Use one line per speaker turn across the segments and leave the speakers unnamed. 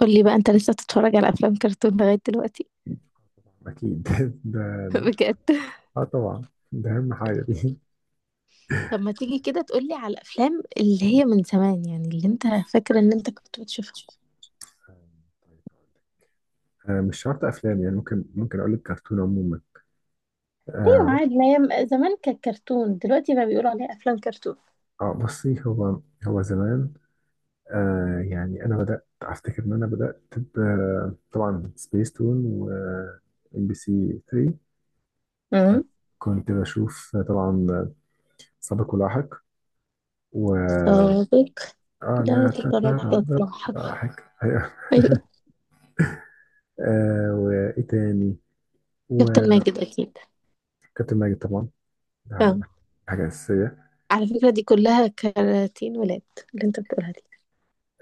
قولي بقى انت لسه بتتفرج على افلام كرتون لغاية دلوقتي؟
أكيد ده.
بجد.
آه، طبعا. ده أهم حاجة دي.
طب ما تيجي كده تقولي على الافلام اللي هي من زمان، يعني اللي انت فاكرة ان انت كنت بتشوفها.
آه، مش شرط أفلام، يعني ممكن أقول لك كرتون عموما.
ايوه
آه.
عادي، ما هي زمان كانت كرتون، دلوقتي بقى بيقولوا عليها افلام كرتون.
آه، بصي. هو زمان، آه، يعني أنا بدأت أفتكر إن أنا بدأت طبعا سبيس تون و ام بي سي 3. آه،
امم،
كنت بشوف طبعا سابق ولاحق و
سابق.
اه
لا
لا
تتردد
تتردد
لاحق.
ضحك
ايوه.
آه، وايه تاني؟
كابتن
وكابتن
ماجد اكيد.
ماجد طبعا.
اه،
ده حاجة أساسية.
على فكرة دي كلها كراتين ولاد اللي انت بتقولها دي.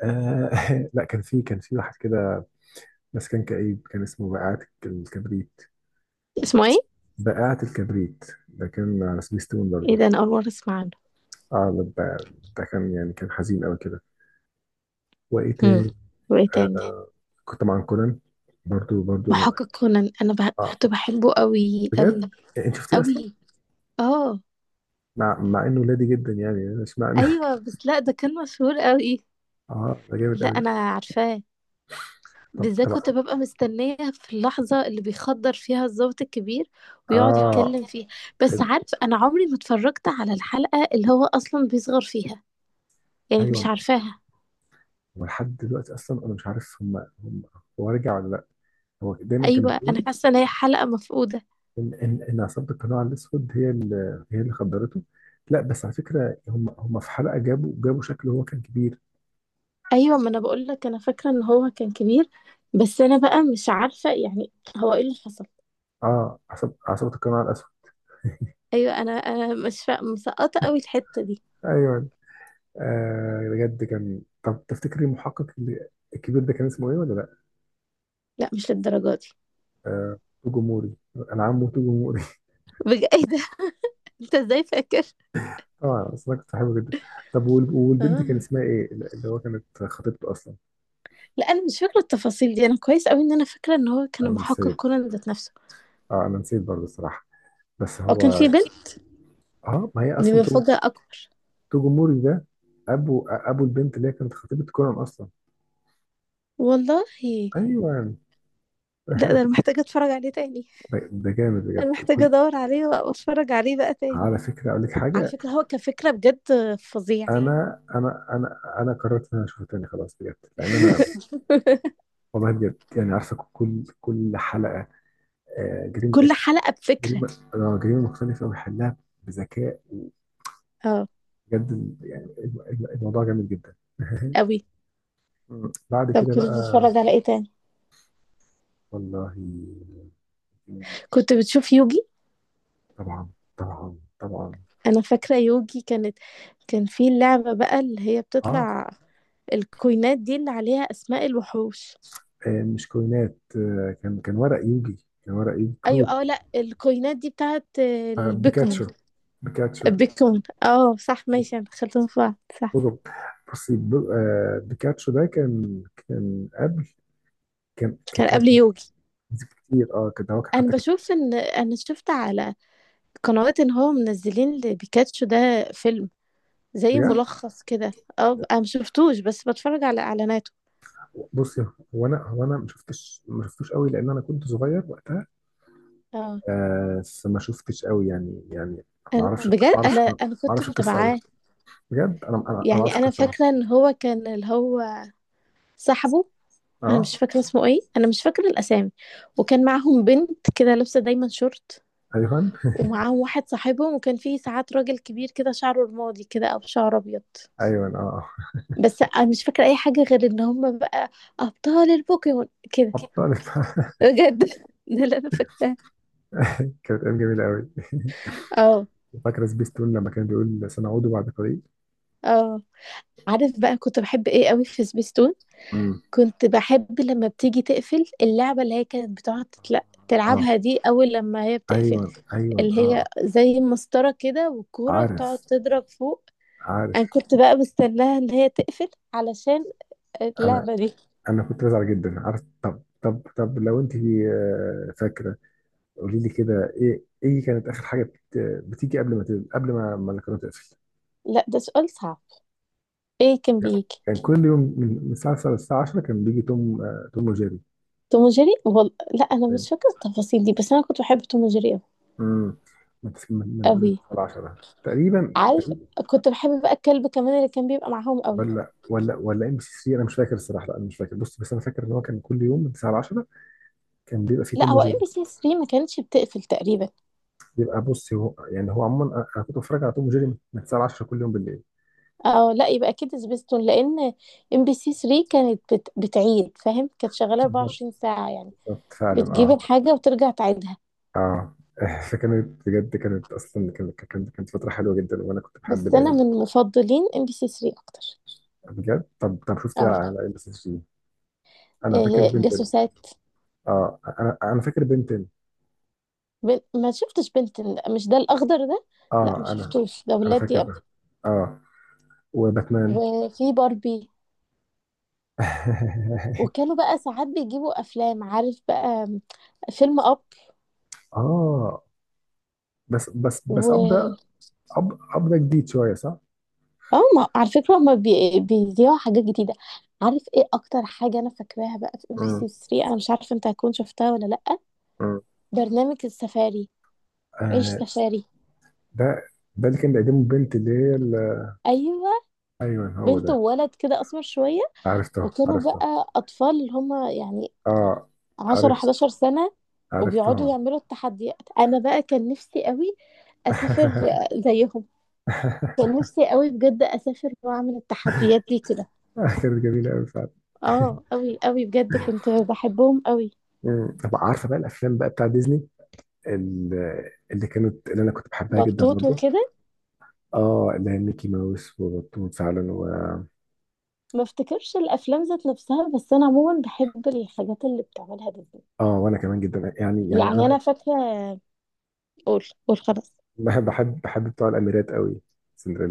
آه. لا، كان في واحد كده، بس كان كئيب، كان اسمه بقعة الكبريت.
اسمه ايه؟
بقعة الكبريت ده كان على سبيستون
ايه
برضه.
ده، انا اول مرة اسمع عنه.
اه، ده ده كان يعني كان حزين قوي كده. وإيه
امم،
تاني؟
وايه تاني؟
آه، كنت مع كونان برضه.
محقق كونان
اه،
كنت بحبه قوي
بجد.
قوي.
إيه، انت شفتيه اصلا؟
قوي. اه.
مع انه لادي جدا، يعني مش معنى
ايوه بس لا، ده كان مشهور قوي.
اه، ده جامد
لا
قوي.
انا عارفاه،
طب
بالذات
طبعا.
كنت ببقى مستنيه في اللحظه اللي بيخدر فيها الضابط الكبير ويقعد
اه.
يتكلم فيها. بس عارف، انا عمري ما اتفرجت على الحلقه اللي هو اصلا بيصغر فيها، يعني مش
ايوه.
عارفاها.
ولحد دلوقتي اصلا انا مش عارف، هم هو رجع ولا لا. هو دايما كانوا
ايوه، انا
بيقولوا
حاسه ان هي حلقه مفقوده.
ان ان عصابه القناع الاسود هي هي اللي خدرته. لا، بس على فكره هم في حلقه جابوا شكله هو كان كبير.
ايوه، ما انا بقول لك انا فاكره ان هو كان كبير، بس انا بقى مش عارفه يعني هو ايه اللي حصل.
اه، عصابه القناع الاسود.
ايوه، انا مش فا... مسقطه قوي الحته دي.
ايوه. آه، بجد كان. طب تفتكري المحقق الكبير ده كان اسمه ايه ولا لا؟
لا، مش للدرجه دي.
آه، توجو موري. انا عمه توجو موري.
بجد؟ ايه ده، انت ازاي فاكر؟
طبعا، بس انا كنت بحبه جدا. طب، والبنت
اه.
كان اسمها ايه، اللي هو كانت خطيبته اصلا؟
لا، انا مش فاكره التفاصيل دي. انا كويس قوي ان انا فاكره ان هو كان
انا
محقق
نسيت.
كونان ذات نفسه.
اه، انا نسيت برضه الصراحه. بس
هو كان
هو،
في بنت؟
اه، ما هي
دي
اصلا
مفاجاه اكبر.
توجوموري ده ابو البنت اللي هي كانت خطيبة كونان اصلا.
والله.
ايوه.
لا، ده انا محتاجه اتفرج عليه تاني.
ده جامد بجد.
انا محتاجه
كل.
ادور عليه واتفرج عليه بقى تاني.
على فكره، اقول لك
على
حاجه.
فكره هو كفكره بجد فظيع.
انا قررت ان انا اشوفها تاني خلاص بجد، لان انا والله بجد يعني عارفه كل حلقه. آه، جريمه
كل
اكل،
حلقه بفكره.
جريمه، آه، جريمه مختلفه ويحلها بذكاء.
اه،
بجد يعني الموضوع جامد جدا
قوي.
بعد
طب
كده
كنت
بقى.
بتتفرج على ايه تاني؟
والله،
كنت بتشوف يوجي.
طبعا طبعا طبعا.
انا فاكره يوجي كانت، كان في اللعبه بقى اللي هي
اه.
بتطلع الكوينات دي اللي عليها اسماء الوحوش.
آه، مش كوينات. آه، كان كان ورق يوجي، كان ورق يوجي
ايوه
كروت.
اه لا، الكوينات دي بتاعت
آه،
البيكمون.
بيكاتشو. بيكاتشو.
البيكمون، اه صح ماشي، انا دخلتهم في بعض. صح.
بصوا، بصي، آه، بيكاتشو ده كان، كان قبل، كان كان
كان
كان
قبل يوجي.
كتير. اه كده. هو كان
انا
حتى كان.
بشوف ان انا شفت على قنوات ان هو منزلين لبيكاتشو ده فيلم زي
بجد،
ملخص كده. اه انا مشفتوش بس بتفرج على اعلاناته.
بصي. هو انا ما شفتش، ما شفتوش قوي لان انا كنت صغير وقتها.
اه،
آه، فما شفتش قوي، يعني ما
انا
اعرفش. طب
بجد
ما اعرفش،
انا
ما
انا كنت
اعرفش القصه قوي.
متابعاه.
بجد، انا ما
يعني
اعرفش
انا
القصه قوي.
فاكره ان هو كان، اللي هو صاحبه. انا
اه.
مش فاكره اسمه ايه، انا مش فاكره الاسامي. وكان معاهم بنت كده لابسه دايما شورت،
ايوه
ومعاهم واحد صاحبهم، وكان فيه ساعات راجل كبير كده شعره رمادي كده او شعر ابيض.
ايوه اه.
بس انا مش فاكره اي حاجه غير ان هم بقى ابطال البوكيمون كده.
ابطال
بجد ده اللي انا فاكراه.
كانت ايام جميله قوي.
اه.
فاكره سبيستون لما كان بيقول سنعود بعد قليل.
اه، عارف بقى كنت بحب ايه قوي في سبيستون؟
امم.
كنت باحب لمّا بتيجي تقفل، اللعبة اللي هي كانت بتقعد
اه.
تلعبها دي أول لمّا هي بتقفل،
ايوه.
اللي هي
اه.
زي مسطرة كده والكورة بتقعد
عارف،
تضرب فوق.
عارف.
أنا كنت بقى مستناها إن هي تقفل علشان
انا
اللعبة دي.
انا كنت بزعل جدا. عارف؟ طب لو انت، آه، فاكره، قولي لي كده ايه كانت اخر حاجه بتيجي قبل ما قبل ما القناه تقفل؟
لأ، ده سؤال صعب. إيه كان
يعني
بييجي؟
كان كل يوم من الساعه 10 للساعه 10 كان بيجي توم، آه، توم وجيري.
توم وجيري؟ لأ، أنا
من،
مش فاكرة التفاصيل دي، بس أنا كنت باحب توم وجيري أوي.
امم، من، من
أوي.
الساعه 10 تقريبا.
عارف، كنت باحب بقى الكلب كمان اللي كان بيبقى معاهم أوي.
ولا ولا ام بي سي 3، انا مش فاكر الصراحه. لا، انا مش فاكر. بص، بس انا فاكر ان هو كان كل يوم من 9 ل 10 كان بيبقى فيه
لأ،
توم
هو
وجيري.
MBC3 ما كانتش بتقفل تقريبًا.
بيبقى. بص، هو يعني هو عموما انا، أنا كنت بتفرج على توم وجيري من 9 ل 10 كل يوم بالليل.
اه لا، يبقى اكيد سبيستون، لان ام بي سي 3 كانت بتعيد، فاهم؟ كانت شغاله
بالظبط،
24 ساعه يعني،
بالظبط فعلا.
بتجيب
اه.
الحاجه وترجع تعيدها.
اه فكانت بجد، كانت اصلا، كانت كانت فتره حلوه جدا، وانا كنت بحب
بس
الايام
انا
دي.
من مفضلين ام بي سي 3 اكتر.
بجد؟ طب شفت ايه
اه،
على ام بي سي 3؟ انا فاكر
إيه،
بنتين.
جاسوسات.
اه، انا فاكر بنتين.
ما شفتش بنتن. لأ، مش ده، الاخضر ده لا ما
اه، انا
شفتوش، ده
انا
ولادي قوي.
فاكر. اه. وباتمان.
وفي باربي. وكانوا بقى ساعات بيجيبوا افلام، عارف بقى، فيلم اب
اه. بس ابدا.
و...
أب ابدا جديد شويه، صح؟
اه، ما على فكرة هما بيذيعوا حاجات جديدة. عارف ايه اكتر حاجة انا فاكراها بقى في ام بي
امم.
سي 3؟ انا مش عارفة انت هتكون شفتها ولا لأ.
امم.
برنامج السفاري، عيش
آه،
سفاري.
ده. ده اللي كان بيقدمه البنت اللي هي
ايوه،
ايوه هو
بنت
ده.
وولد كده اسمر شوية،
عرفتها،
وكانوا
عرفتها.
بقى اطفال اللي هما يعني
اه،
10
عرفت، عشان
11 سنة، وبيقعدوا
عرفتهم.
يعملوا التحديات. انا بقى كان نفسي قوي اسافر زيهم. كان نفسي قوي بجد اسافر واعمل التحديات دي كده.
كانت جميله قوي فعلا.
اه، قوي قوي، بجد كنت بحبهم قوي.
مم. طب عارفه بقى الافلام بقى بتاع ديزني، ال- اللي كانت، اللي انا كنت بحبها جدا
بطوط
برضو.
وكده.
اه، اللي هي ميكي ماوس وبطوط فعلا و...
ما افتكرش الافلام ذات نفسها، بس انا عموما بحب الحاجات اللي بتعملها ديزني.
اه، وانا كمان جدا، يعني، يعني
يعني
انا
انا فاكره، قول قول خلاص.
بحب، بحب بتوع الاميرات قوي.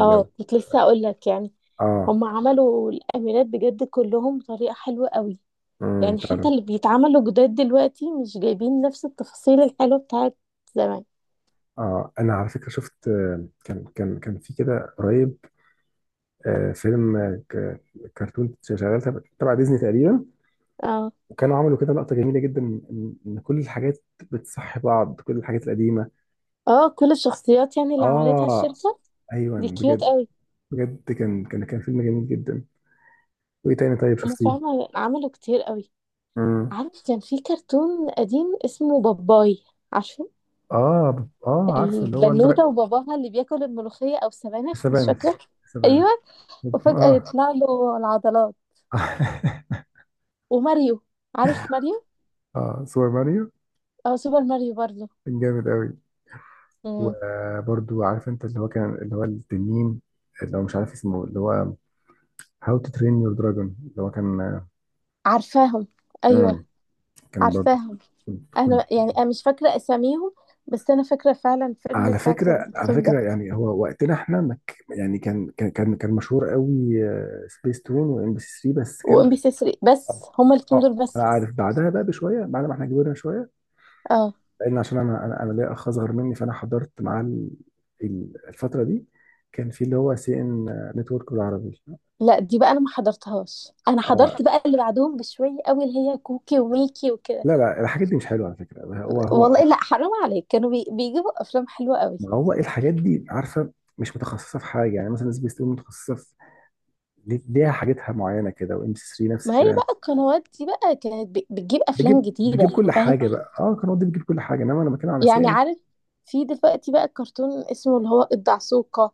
اه، كنت لسه اقول لك يعني
اه.
هم عملوا الاميرات بجد كلهم بطريقه حلوه قوي.
امم،
يعني
فعلا.
حتى اللي بيتعملوا جداد دلوقتي مش جايبين نفس التفاصيل الحلوه بتاعت زمان.
اه، انا على فكره شفت، آه، كان في كده قريب، آه، فيلم، آه، كرتون شغال تبع ديزني تقريبا.
اه.
وكانوا عملوا كده لقطه جميله جدا، ان إن كل الحاجات بتصحي بعض، كل الحاجات القديمه.
اه، كل الشخصيات يعني اللي عملتها
اه.
الشركه
ايوه،
دي
بجد.
كيوت قوي.
بجد، كان فيلم جميل جدا. وايه تاني طيب
هم
شفتيه؟
فعلا عملوا كتير قوي.
امم.
عارف كان في كرتون قديم اسمه باباي؟ عارفه،
اه، اه عارفه اللي هو
البنوتة وباباها اللي بياكل الملوخية أو السبانخ مش
السبانخ،
فاكرة. أيوه.
السبانخ.
وفجأة
اه
يطلع له العضلات. وماريو، عارف ماريو؟
اه، سوبر ماريو.
أو سوبر ماريو برضه.
كان جامد قوي.
مم.
وبرضو عارف انت، اللي هو كان اللي هو التنين، اللي هو مش عارف اسمه، اللي هو هاو تو ترين يور دراجون، اللي هو كان.
عارفاهم. أيوه
امم. كان برضو.
عارفاهم.
كنت
أنا
كنت
يعني أنا مش فاكرة أساميهم، بس أنا فاكرة فعلا الفيلم
على
بتاع
فكرة، على
الكرتون ده.
فكرة، يعني هو وقتنا احنا ما يعني كان مشهور قوي سبيس تون وام بي سي 3 بس كان.
وإم بي سي 3 بس، هما الاتنين
اه،
دول بس.
انا عارف بعدها بقى بشويه، بعد ما احنا كبرنا شويه،
اه.
لان عشان انا، انا ليا اخ اصغر مني، فانا حضرت معاه الفتره دي كان في اللي هو سي ان نتورك بالعربي.
لا دي بقى أنا ما حضرتهاش، أنا
اه
حضرت بقى اللي بعدهم بشوية قوي، اللي هي كوكي وميكي وكده.
لا، لا الحاجات دي مش حلوه على فكره. هو
والله لا، حرام عليك، كانوا بيجيبوا أفلام حلوة قوي.
ما هو الحاجات دي، عارفه، مش متخصصه في حاجه، يعني مثلا سبيس تون متخصصه في، ليها حاجتها معينه كده، وام سي 3 نفس
ما هي
الكلام.
بقى القنوات دي بقى كانت بتجيب افلام
بجيب
جديده،
كل
فاهم؟
حاجه بقى. اه، قنوات دي بتجيب كل حاجه، انما انا بتكلم على
يعني
سين.
عارف، في دلوقتي بقى الكرتون اسمه اللي هو الدعسوقه،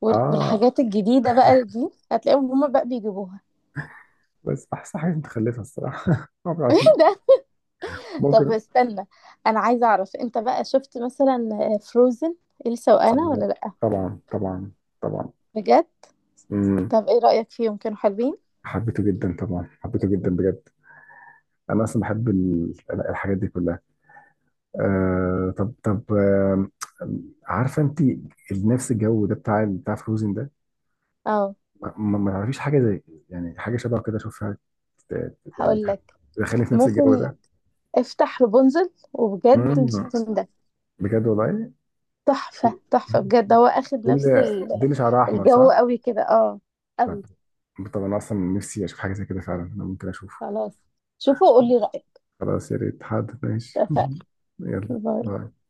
اه.
والحاجات الجديده بقى دي هتلاقيهم هما بقى بيجيبوها.
بس احسن حاجه، متخلفه الصراحه ما بعرف،
ده. طب
ممكن.
استنى، انا عايزه اعرف انت بقى شفت مثلا فروزن، إلسا وانا، ولا
آه،
لا؟
طبعا طبعا.
بجد؟
امم.
طب ايه رايك فيهم، كانوا حلوين؟
حبيته جدا طبعا، حبيته جدا بجد. انا اصلا بحب الحاجات دي كلها. آه، طب آه، عارفه انت نفس الجو ده بتاع، فروزن ده،
اه.
ما تعرفيش حاجه زي، يعني حاجه شبه كده اشوفها، يعني
هقول لك،
دخلني في نفس الجو
ممكن
ده؟
افتح رابنزل وبجد مش
مم.
هتندم.
بجد والله. دي،
تحفة
دي
تحفة بجد، هو اخد
اللي،
نفس
دي اللي شعرها احمر،
الجو
صح؟
قوي كده. اه قوي.
طب، طب انا اصلا نفسي اشوف حاجه زي كده فعلا، انا ممكن اشوفه.
خلاص، شوفوا وقولي رأيك.
خلاص، يا ريت، حاضر، ماشي
اتفقنا.
يلا،
باي.
باي.